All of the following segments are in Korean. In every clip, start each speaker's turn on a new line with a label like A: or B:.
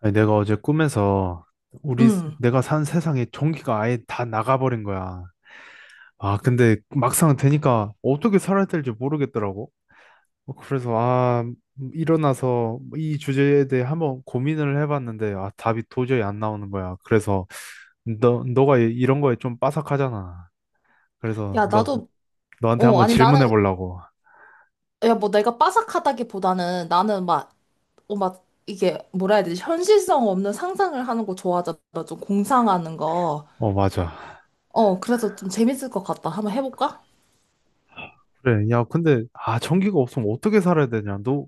A: 아니, 내가 어제 꿈에서
B: 응.
A: 내가 산 세상에 전기가 아예 다 나가버린 거야. 근데 막상 되니까 어떻게 살아야 될지 모르겠더라고. 그래서 일어나서 이 주제에 대해 한번 고민을 해봤는데 답이 도저히 안 나오는 거야. 그래서 이런 거에 좀 빠삭하잖아. 그래서
B: 야,
A: 너
B: 나도,
A: 너한테
B: 어,
A: 한번
B: 아니,
A: 질문해
B: 나는,
A: 보려고.
B: 야, 뭐 내가 빠삭하다기보다는 나는 뭐라 해야 되지? 현실성 없는 상상을 하는 거 좋아하잖아. 좀 공상하는 거.
A: 어, 맞아.
B: 어, 그래서 좀 재밌을 것 같다. 한번 해볼까?
A: 그래. 야, 근데 전기가 없으면 어떻게 살아야 되냐? 너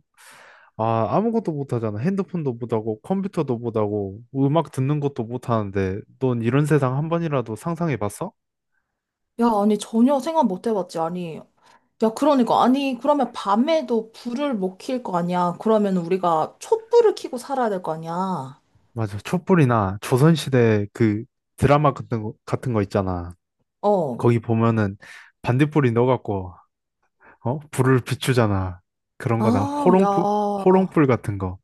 A: 아, 아무것도 못하잖아. 핸드폰도 못하고, 컴퓨터도 못하고, 음악 듣는 것도 못하는데, 넌 이런 세상 한 번이라도 상상해 봤어?
B: 야, 아니, 전혀 생각 못 해봤지. 아니, 야, 그러니까. 아니, 그러면 밤에도 불을 못 킬 거 아니야. 그러면 우리가 촛불을 켜고 살아야 될 거 아니야.
A: 맞아. 촛불이나 조선시대 그 드라마 같은 거 있잖아.
B: 어.
A: 거기 보면은 반딧불이 넣어갖고, 어? 불을 비추잖아. 그런 거나
B: 아,
A: 호롱불,
B: 야.
A: 호롱불 같은 거.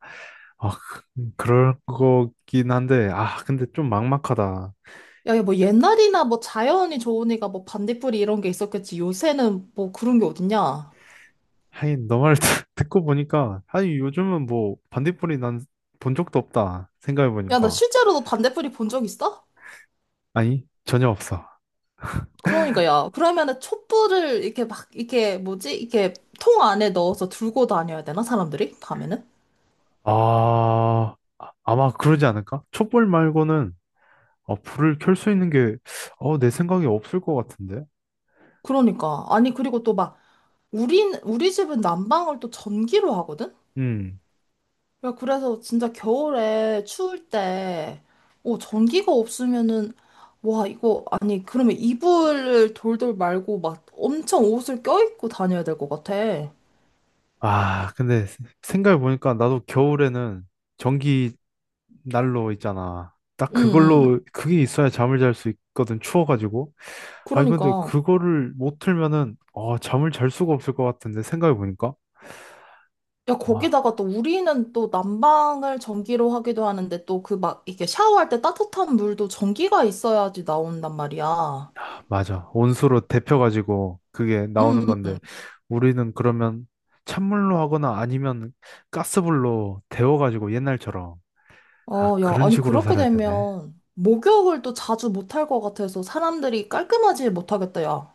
A: 아, 그- 그럴 거긴 한데, 근데 좀 막막하다.
B: 야, 야, 뭐 옛날이나 뭐 자연이 좋으니까 뭐 반딧불이 이런 게 있었겠지. 요새는 뭐 그런 게 어딨냐.
A: 하긴, 너말 듣고 보니까, 하긴 요즘은 뭐 반딧불이 난 본 적도 없다. 생각해
B: 야, 나
A: 보니까.
B: 실제로도 반딧불이 본 적 있어?
A: 아니, 전혀 없어.
B: 그러니까 야, 그러면은 촛불을 이렇게 막, 이렇게 뭐지? 이렇게 통 안에 넣어서 들고 다녀야 되나? 사람들이? 밤에는?
A: 아마 그러지 않을까? 촛불 말고는 불을 켤 수 있는 게, 내 생각에 없을 것 같은데?
B: 그러니까. 아니, 그리고 또 막, 우리 집은 난방을 또 전기로 하거든?
A: 음.
B: 야, 그래서 진짜 겨울에 추울 때, 어, 전기가 없으면은, 와, 이거, 아니, 그러면 이불을 돌돌 말고 막 엄청 옷을 껴입고 다녀야 될 것 같아. 응,
A: 근데 생각해보니까 나도 겨울에는 전기 난로 있잖아. 딱
B: 응.
A: 그게 있어야 잠을 잘 수 있거든, 추워가지고. 아니, 근데
B: 그러니까.
A: 그거를 못 틀면은, 어, 잠을 잘 수가 없을 것 같은데, 생각해보니까.
B: 야, 거기다가 또 우리는 또 난방을 전기로 하기도 하는데 또 그 막 이게 샤워할 때 따뜻한 물도 전기가 있어야지 나온단 말이야.
A: 맞아. 온수로 데펴가지고 그게
B: 응,
A: 나오는
B: 응.
A: 건데 우리는 그러면 찬물로 하거나 아니면 가스불로 데워가지고 옛날처럼 아
B: 어, 야,
A: 그런
B: 아니,
A: 식으로
B: 그렇게
A: 살아야 되네.
B: 되면 목욕을 또 자주 못 할 것 같아서 사람들이 깔끔하지 못하겠다, 야.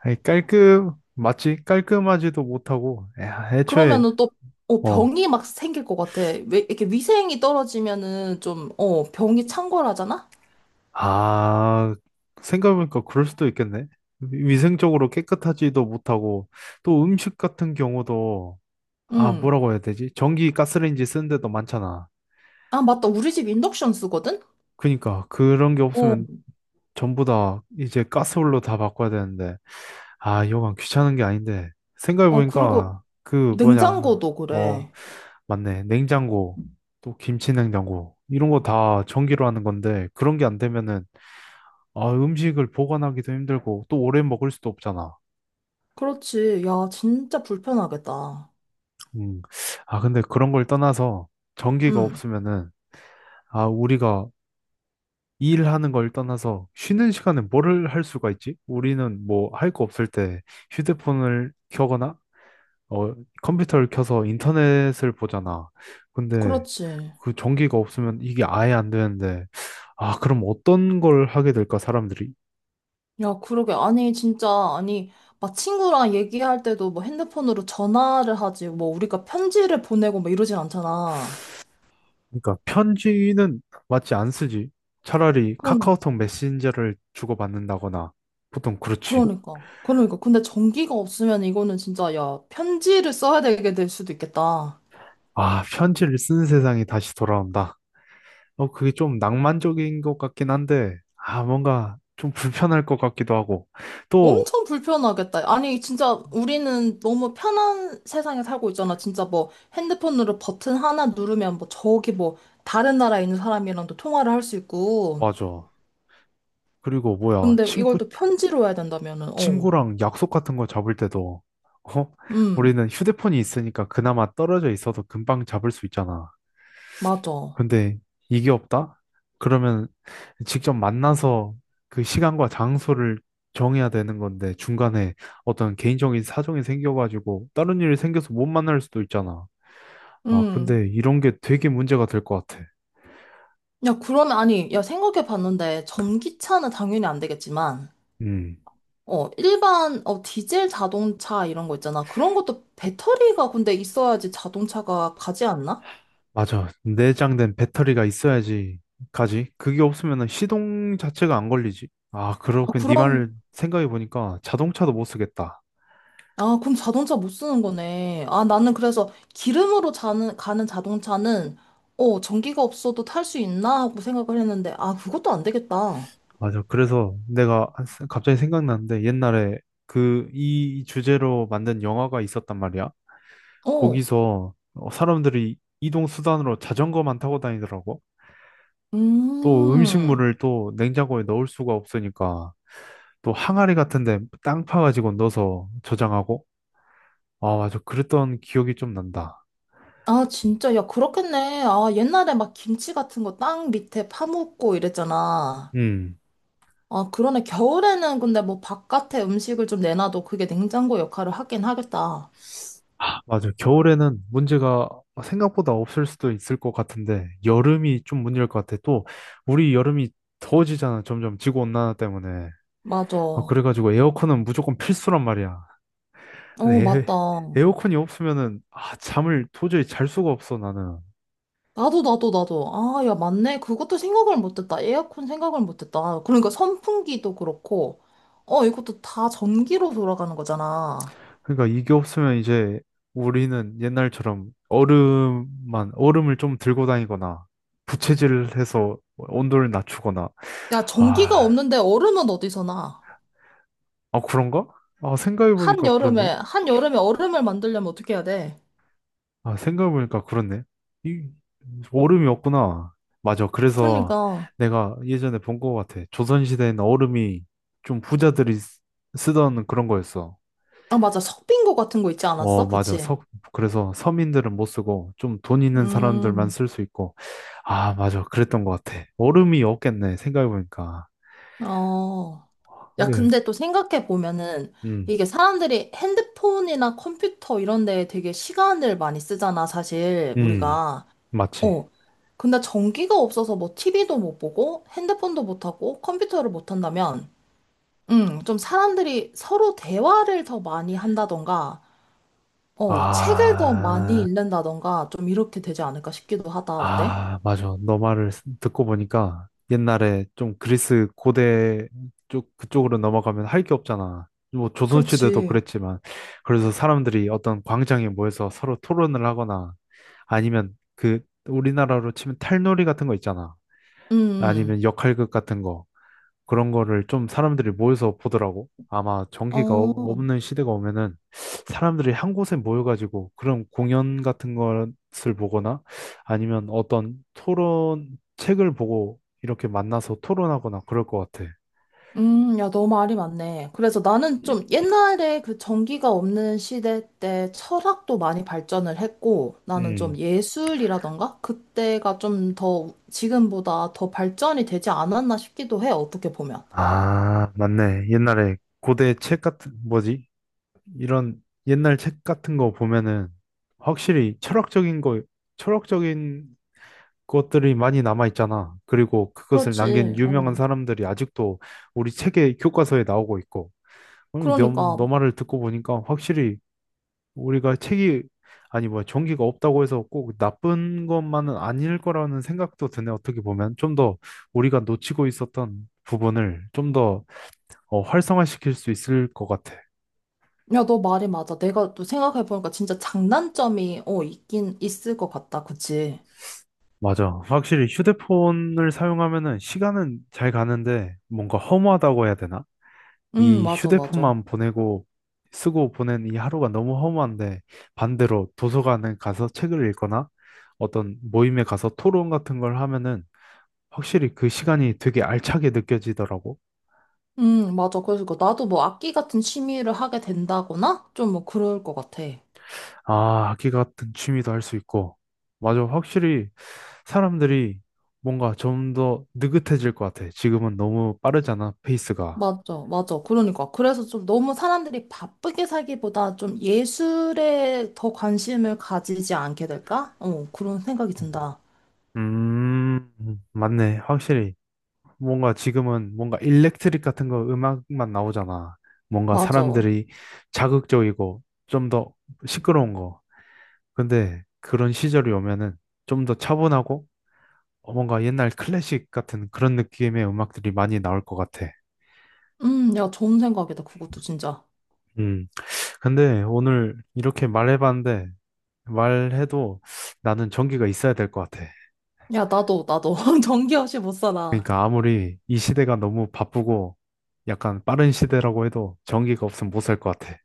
A: 아니, 깔끔 맞지? 깔끔하지도 못하고 야, 애초에
B: 그러면은 또 어,
A: 어.
B: 병이 막 생길 것 같아. 왜 이렇게 위생이 떨어지면은 좀 어, 병이 창궐하잖아?
A: 아 생각해보니까 그럴 수도 있겠네. 위생적으로 깨끗하지도 못하고 또 음식 같은 경우도 아
B: 응.
A: 뭐라고 해야 되지? 전기 가스레인지 쓰는 데도 많잖아.
B: 아, 맞다. 우리 집 인덕션 쓰거든?
A: 그니까 그런 게
B: 어.
A: 없으면 전부 다 이제 가스불로 다 바꿔야 되는데, 아, 이거만 귀찮은 게 아닌데,
B: 어, 그리고
A: 생각해보니까, 그, 뭐냐,
B: 냉장고도
A: 어,
B: 그래.
A: 맞네. 냉장고, 또 김치 냉장고, 이런 거 다 전기로 하는 건데, 그런 게 안 되면은, 음식을 보관하기도 힘들고, 또 오래 먹을 수도 없잖아.
B: 그렇지. 야, 진짜 불편하겠다.
A: 음. 근데 그런 걸 떠나서, 전기가
B: 응.
A: 없으면은, 우리가 일하는 걸 떠나서, 쉬는 시간에 뭐를 할 수가 있지? 우리는 뭐, 할 거 없을 때, 휴대폰을 켜거나, 어, 컴퓨터를 켜서 인터넷을 보잖아. 근데
B: 그렇지.
A: 그 전기가 없으면 이게 아예 안 되는데, 그럼 어떤 걸 하게 될까, 사람들이?
B: 야, 그러게. 아니, 진짜 아니 막 친구랑 얘기할 때도 뭐 핸드폰으로 전화를 하지. 뭐 우리가 편지를 보내고 뭐 이러진 않잖아.
A: 그러니까 편지는 맞지 안 쓰지. 차라리
B: 그럼
A: 카카오톡 메신저를 주고받는다거나, 보통 그렇지.
B: 그러니까. 그러니까. 근데 전기가 없으면 이거는 진짜, 야, 편지를 써야 되게 될 수도 있겠다.
A: 편지를 쓰는 세상이 다시 돌아온다. 어, 그게 좀 낭만적인 것 같긴 한데, 아, 뭔가 좀 불편할 것 같기도 하고. 또,
B: 엄청 불편하겠다. 아니, 진짜 우리는 너무 편한 세상에 살고 있잖아. 진짜 뭐 핸드폰으로 버튼 하나 누르면 뭐 저기 뭐 다른 나라에 있는 사람이랑도 통화를 할 수 있고.
A: 맞아. 그리고 뭐야,
B: 근데 이걸 또 편지로 해야 된다면은, 어.
A: 친구랑 약속 같은 거 잡을 때도 어?
B: 음,
A: 우리는 휴대폰이 있으니까 그나마 떨어져 있어도 금방 잡을 수 있잖아.
B: 맞아.
A: 근데 이게 없다? 그러면 직접 만나서 그 시간과 장소를 정해야 되는 건데 중간에 어떤 개인적인 사정이 생겨가지고 다른 일이 생겨서 못 만날 수도 있잖아.
B: 음.
A: 근데 이런 게 되게 문제가 될 것 같아.
B: 야, 그러면 아니, 야, 생각해 봤는데 전기차는 당연히 안 되겠지만,
A: 음.
B: 어, 일반, 어, 디젤 자동차 이런 거 있잖아. 그런 것도 배터리가 근데 있어야지 자동차가 가지 않나?
A: 맞아. 내장된 배터리가 있어야지 가지. 그게 없으면 시동 자체가 안 걸리지. 아,
B: 아,
A: 그렇군. 네
B: 그럼,
A: 말을 생각해 보니까 자동차도 못 쓰겠다.
B: 아, 그럼 자동차 못 쓰는 거네. 아, 나는 그래서 기름으로 자는, 가는 자동차는, 어, 전기가 없어도 탈 수 있나? 하고 생각을 했는데, 아, 그것도 안 되겠다.
A: 맞아. 그래서 갑자기 생각났는데 옛날에 그 이 주제로 만든 영화가 있었단 말이야.
B: 어,
A: 거기서 어, 사람들이 이동 수단으로 자전거만 타고 다니더라고. 또
B: 음.
A: 음식물을 또 냉장고에 넣을 수가 없으니까 또 항아리 같은 데 땅 파가지고 넣어서 저장하고. 아, 맞아. 그랬던 기억이 좀 난다.
B: 아, 진짜, 야, 그렇겠네. 아, 옛날에 막 김치 같은 거 땅 밑에 파묻고 이랬잖아.
A: 음,
B: 아, 그러네. 겨울에는 근데 뭐 바깥에 음식을 좀 내놔도 그게 냉장고 역할을 하긴 하겠다.
A: 아, 맞아. 겨울에는 문제가 생각보다 없을 수도 있을 것 같은데, 여름이 좀 문제일 것 같아. 또, 우리 여름이 더워지잖아. 점점 지구온난화 때문에.
B: 맞아. 어,
A: 그래가지고 에어컨은 무조건 필수란 말이야. 근데
B: 맞다.
A: 어컨이 없으면은, 아, 잠을 도저히 잘 수가 없어, 나는.
B: 나도, 나도, 나도. 아, 야, 맞네. 그것도 생각을 못했다. 에어컨 생각을 못했다. 그러니까 선풍기도 그렇고, 어, 이것도 다 전기로 돌아가는 거잖아.
A: 그러니까 이게 없으면 이제 우리는 옛날처럼 얼음을 좀 들고 다니거나, 부채질을 해서 온도를 낮추거나,
B: 야, 전기가
A: 아,
B: 없는데 얼음은 어디서 나?
A: 아, 그런가? 아, 생각해보니까
B: 한여름에,
A: 그렇네.
B: 한여름에 얼음을 만들려면 어떻게 해야 돼?
A: 아, 생각해보니까 그렇네. 이, 얼음이 없구나. 맞아. 그래서
B: 그러니까.
A: 내가 예전에 본 것 같아. 조선시대에는 얼음이 좀 부자들이 쓰던 그런 거였어.
B: 아, 맞아. 석빙고 같은 거 있지
A: 어,
B: 않았어?
A: 맞아.
B: 그치?
A: 서, 그래서 서민들은 못 쓰고 좀 돈 있는 사람들만
B: 음,
A: 쓸 수 있고. 아, 맞아. 그랬던 것 같아. 얼음이 없겠네. 생각해보니까.
B: 어. 야,
A: 근데,
B: 근데 또 생각해 보면은
A: 음,
B: 이게 사람들이 핸드폰이나 컴퓨터 이런 데에 되게 시간을 많이 쓰잖아, 사실
A: 음,
B: 우리가.
A: 맞지.
B: 어. 근데 전기가 없어서 뭐 TV도 못 보고 핸드폰도 못 하고 컴퓨터를 못 한다면 좀 사람들이 서로 대화를 더 많이 한다던가 어, 책을 더 많이
A: 아.
B: 읽는다던가 좀 이렇게 되지 않을까 싶기도 하다. 어때?
A: 아, 맞아. 듣고 보니까 옛날에 좀 그리스 고대 쪽, 그쪽으로 넘어가면 할 게 없잖아. 뭐 조선시대도
B: 그렇지.
A: 그랬지만. 그래서 사람들이 어떤 광장에 모여서 서로 토론을 하거나 아니면 그 우리나라로 치면 탈놀이 같은 거 있잖아.
B: 음. 음.
A: 아니면 역할극 같은 거. 그런 거를 좀 사람들이 모여서 보더라고. 아마 전기가
B: 어.
A: 없는 시대가 오면은 사람들이 한 곳에 모여가지고 그런 공연 같은 것을 보거나 아니면 어떤 토론 책을 보고 이렇게 만나서 토론하거나 그럴 것 같아.
B: 야, 너 말이 맞네. 그래서 나는 좀 옛날에 그 전기가 없는 시대 때 철학도 많이 발전을 했고, 나는 좀
A: 음.
B: 예술이라던가? 그때가 좀 더, 지금보다 더 발전이 되지 않았나 싶기도 해, 어떻게 보면.
A: 아, 맞네. 옛날에 고대 책 같은, 뭐지? 이런 옛날 책 같은 거 보면은 확실히 철학적인 것들이 많이 남아 있잖아. 그리고 그것을 남긴
B: 그렇지. 어.
A: 유명한 사람들이 아직도 우리 책의 교과서에 나오고 있고. 음, 너, 너
B: 그러니까,
A: 말을 듣고 보니까 확실히 우리가 책이 아니 뭐야 종기가 없다고 해서 꼭 나쁜 것만은 아닐 거라는 생각도 드네. 어떻게 보면 좀 더 우리가 놓치고 있었던 부분을 좀더 활성화시킬 수 있을 것 같아.
B: 야, 너 말이 맞아. 내가 또 생각해보니까 진짜 장단점이, 어, 있긴 있을 것 같다. 그치?
A: 맞아. 확실히 휴대폰을 사용하면은 시간은 잘 가는데 뭔가 허무하다고 해야 되나?
B: 응,
A: 이
B: 맞아, 맞아.
A: 휴대폰만 보내고 쓰고 보낸 이 하루가 너무 허무한데 반대로 도서관에 가서 책을 읽거나 어떤 모임에 가서 토론 같은 걸 하면은 확실히 그 시간이 되게 알차게 느껴지더라고.
B: 응, 맞아. 그래서 그 나도 뭐 악기 같은 취미를 하게 된다거나? 좀 뭐 그럴 것 같아.
A: 아, 악기 같은 취미도 할 수 있고. 맞아. 확실히 사람들이 뭔가 좀 더 느긋해질 것 같아. 지금은 너무 빠르잖아, 페이스가.
B: 맞아, 맞아. 그러니까. 그래서 좀 너무 사람들이 바쁘게 살기보다 좀 예술에 더 관심을 가지지 않게 될까? 어, 그런 생각이 든다.
A: 음, 맞네. 확실히. 뭔가 지금은 뭔가 일렉트릭 같은 거 음악만 나오잖아. 뭔가
B: 맞아.
A: 사람들이 자극적이고 좀 더 시끄러운 거. 근데 그런 시절이 오면은 좀 더 차분하고 어, 뭔가 옛날 클래식 같은 그런 느낌의 음악들이 많이 나올 것 같아.
B: 야, 좋은 생각이다. 그것도 진짜.
A: 음. 근데 오늘 이렇게 말해봤는데 말해도 나는 전기가 있어야 될 것 같아.
B: 야, 나도, 나도. 전기 없이 못 살아.
A: 그러니까 아무리 이 시대가 너무 바쁘고 약간 빠른 시대라고 해도 전기가 없으면 못 살 것 같아.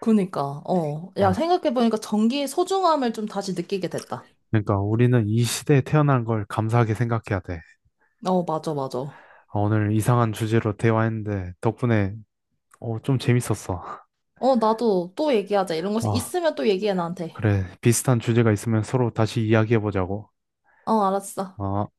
B: 그니까, 어. 야,
A: 어,
B: 생각해보니까 전기의 소중함을 좀 다시 느끼게 됐다.
A: 그러니까 우리는 이 시대에 태어난 걸 감사하게 생각해야 돼.
B: 어, 맞아, 맞아.
A: 오늘 이상한 주제로 대화했는데 덕분에 어, 좀 재밌었어.
B: 어, 나도 또 얘기하자. 이런 것이
A: 아,
B: 있으면 또 얘기해, 나한테.
A: 그래. 비슷한 주제가 있으면 서로 다시 이야기해보자고.
B: 어, 알았어.
A: 어.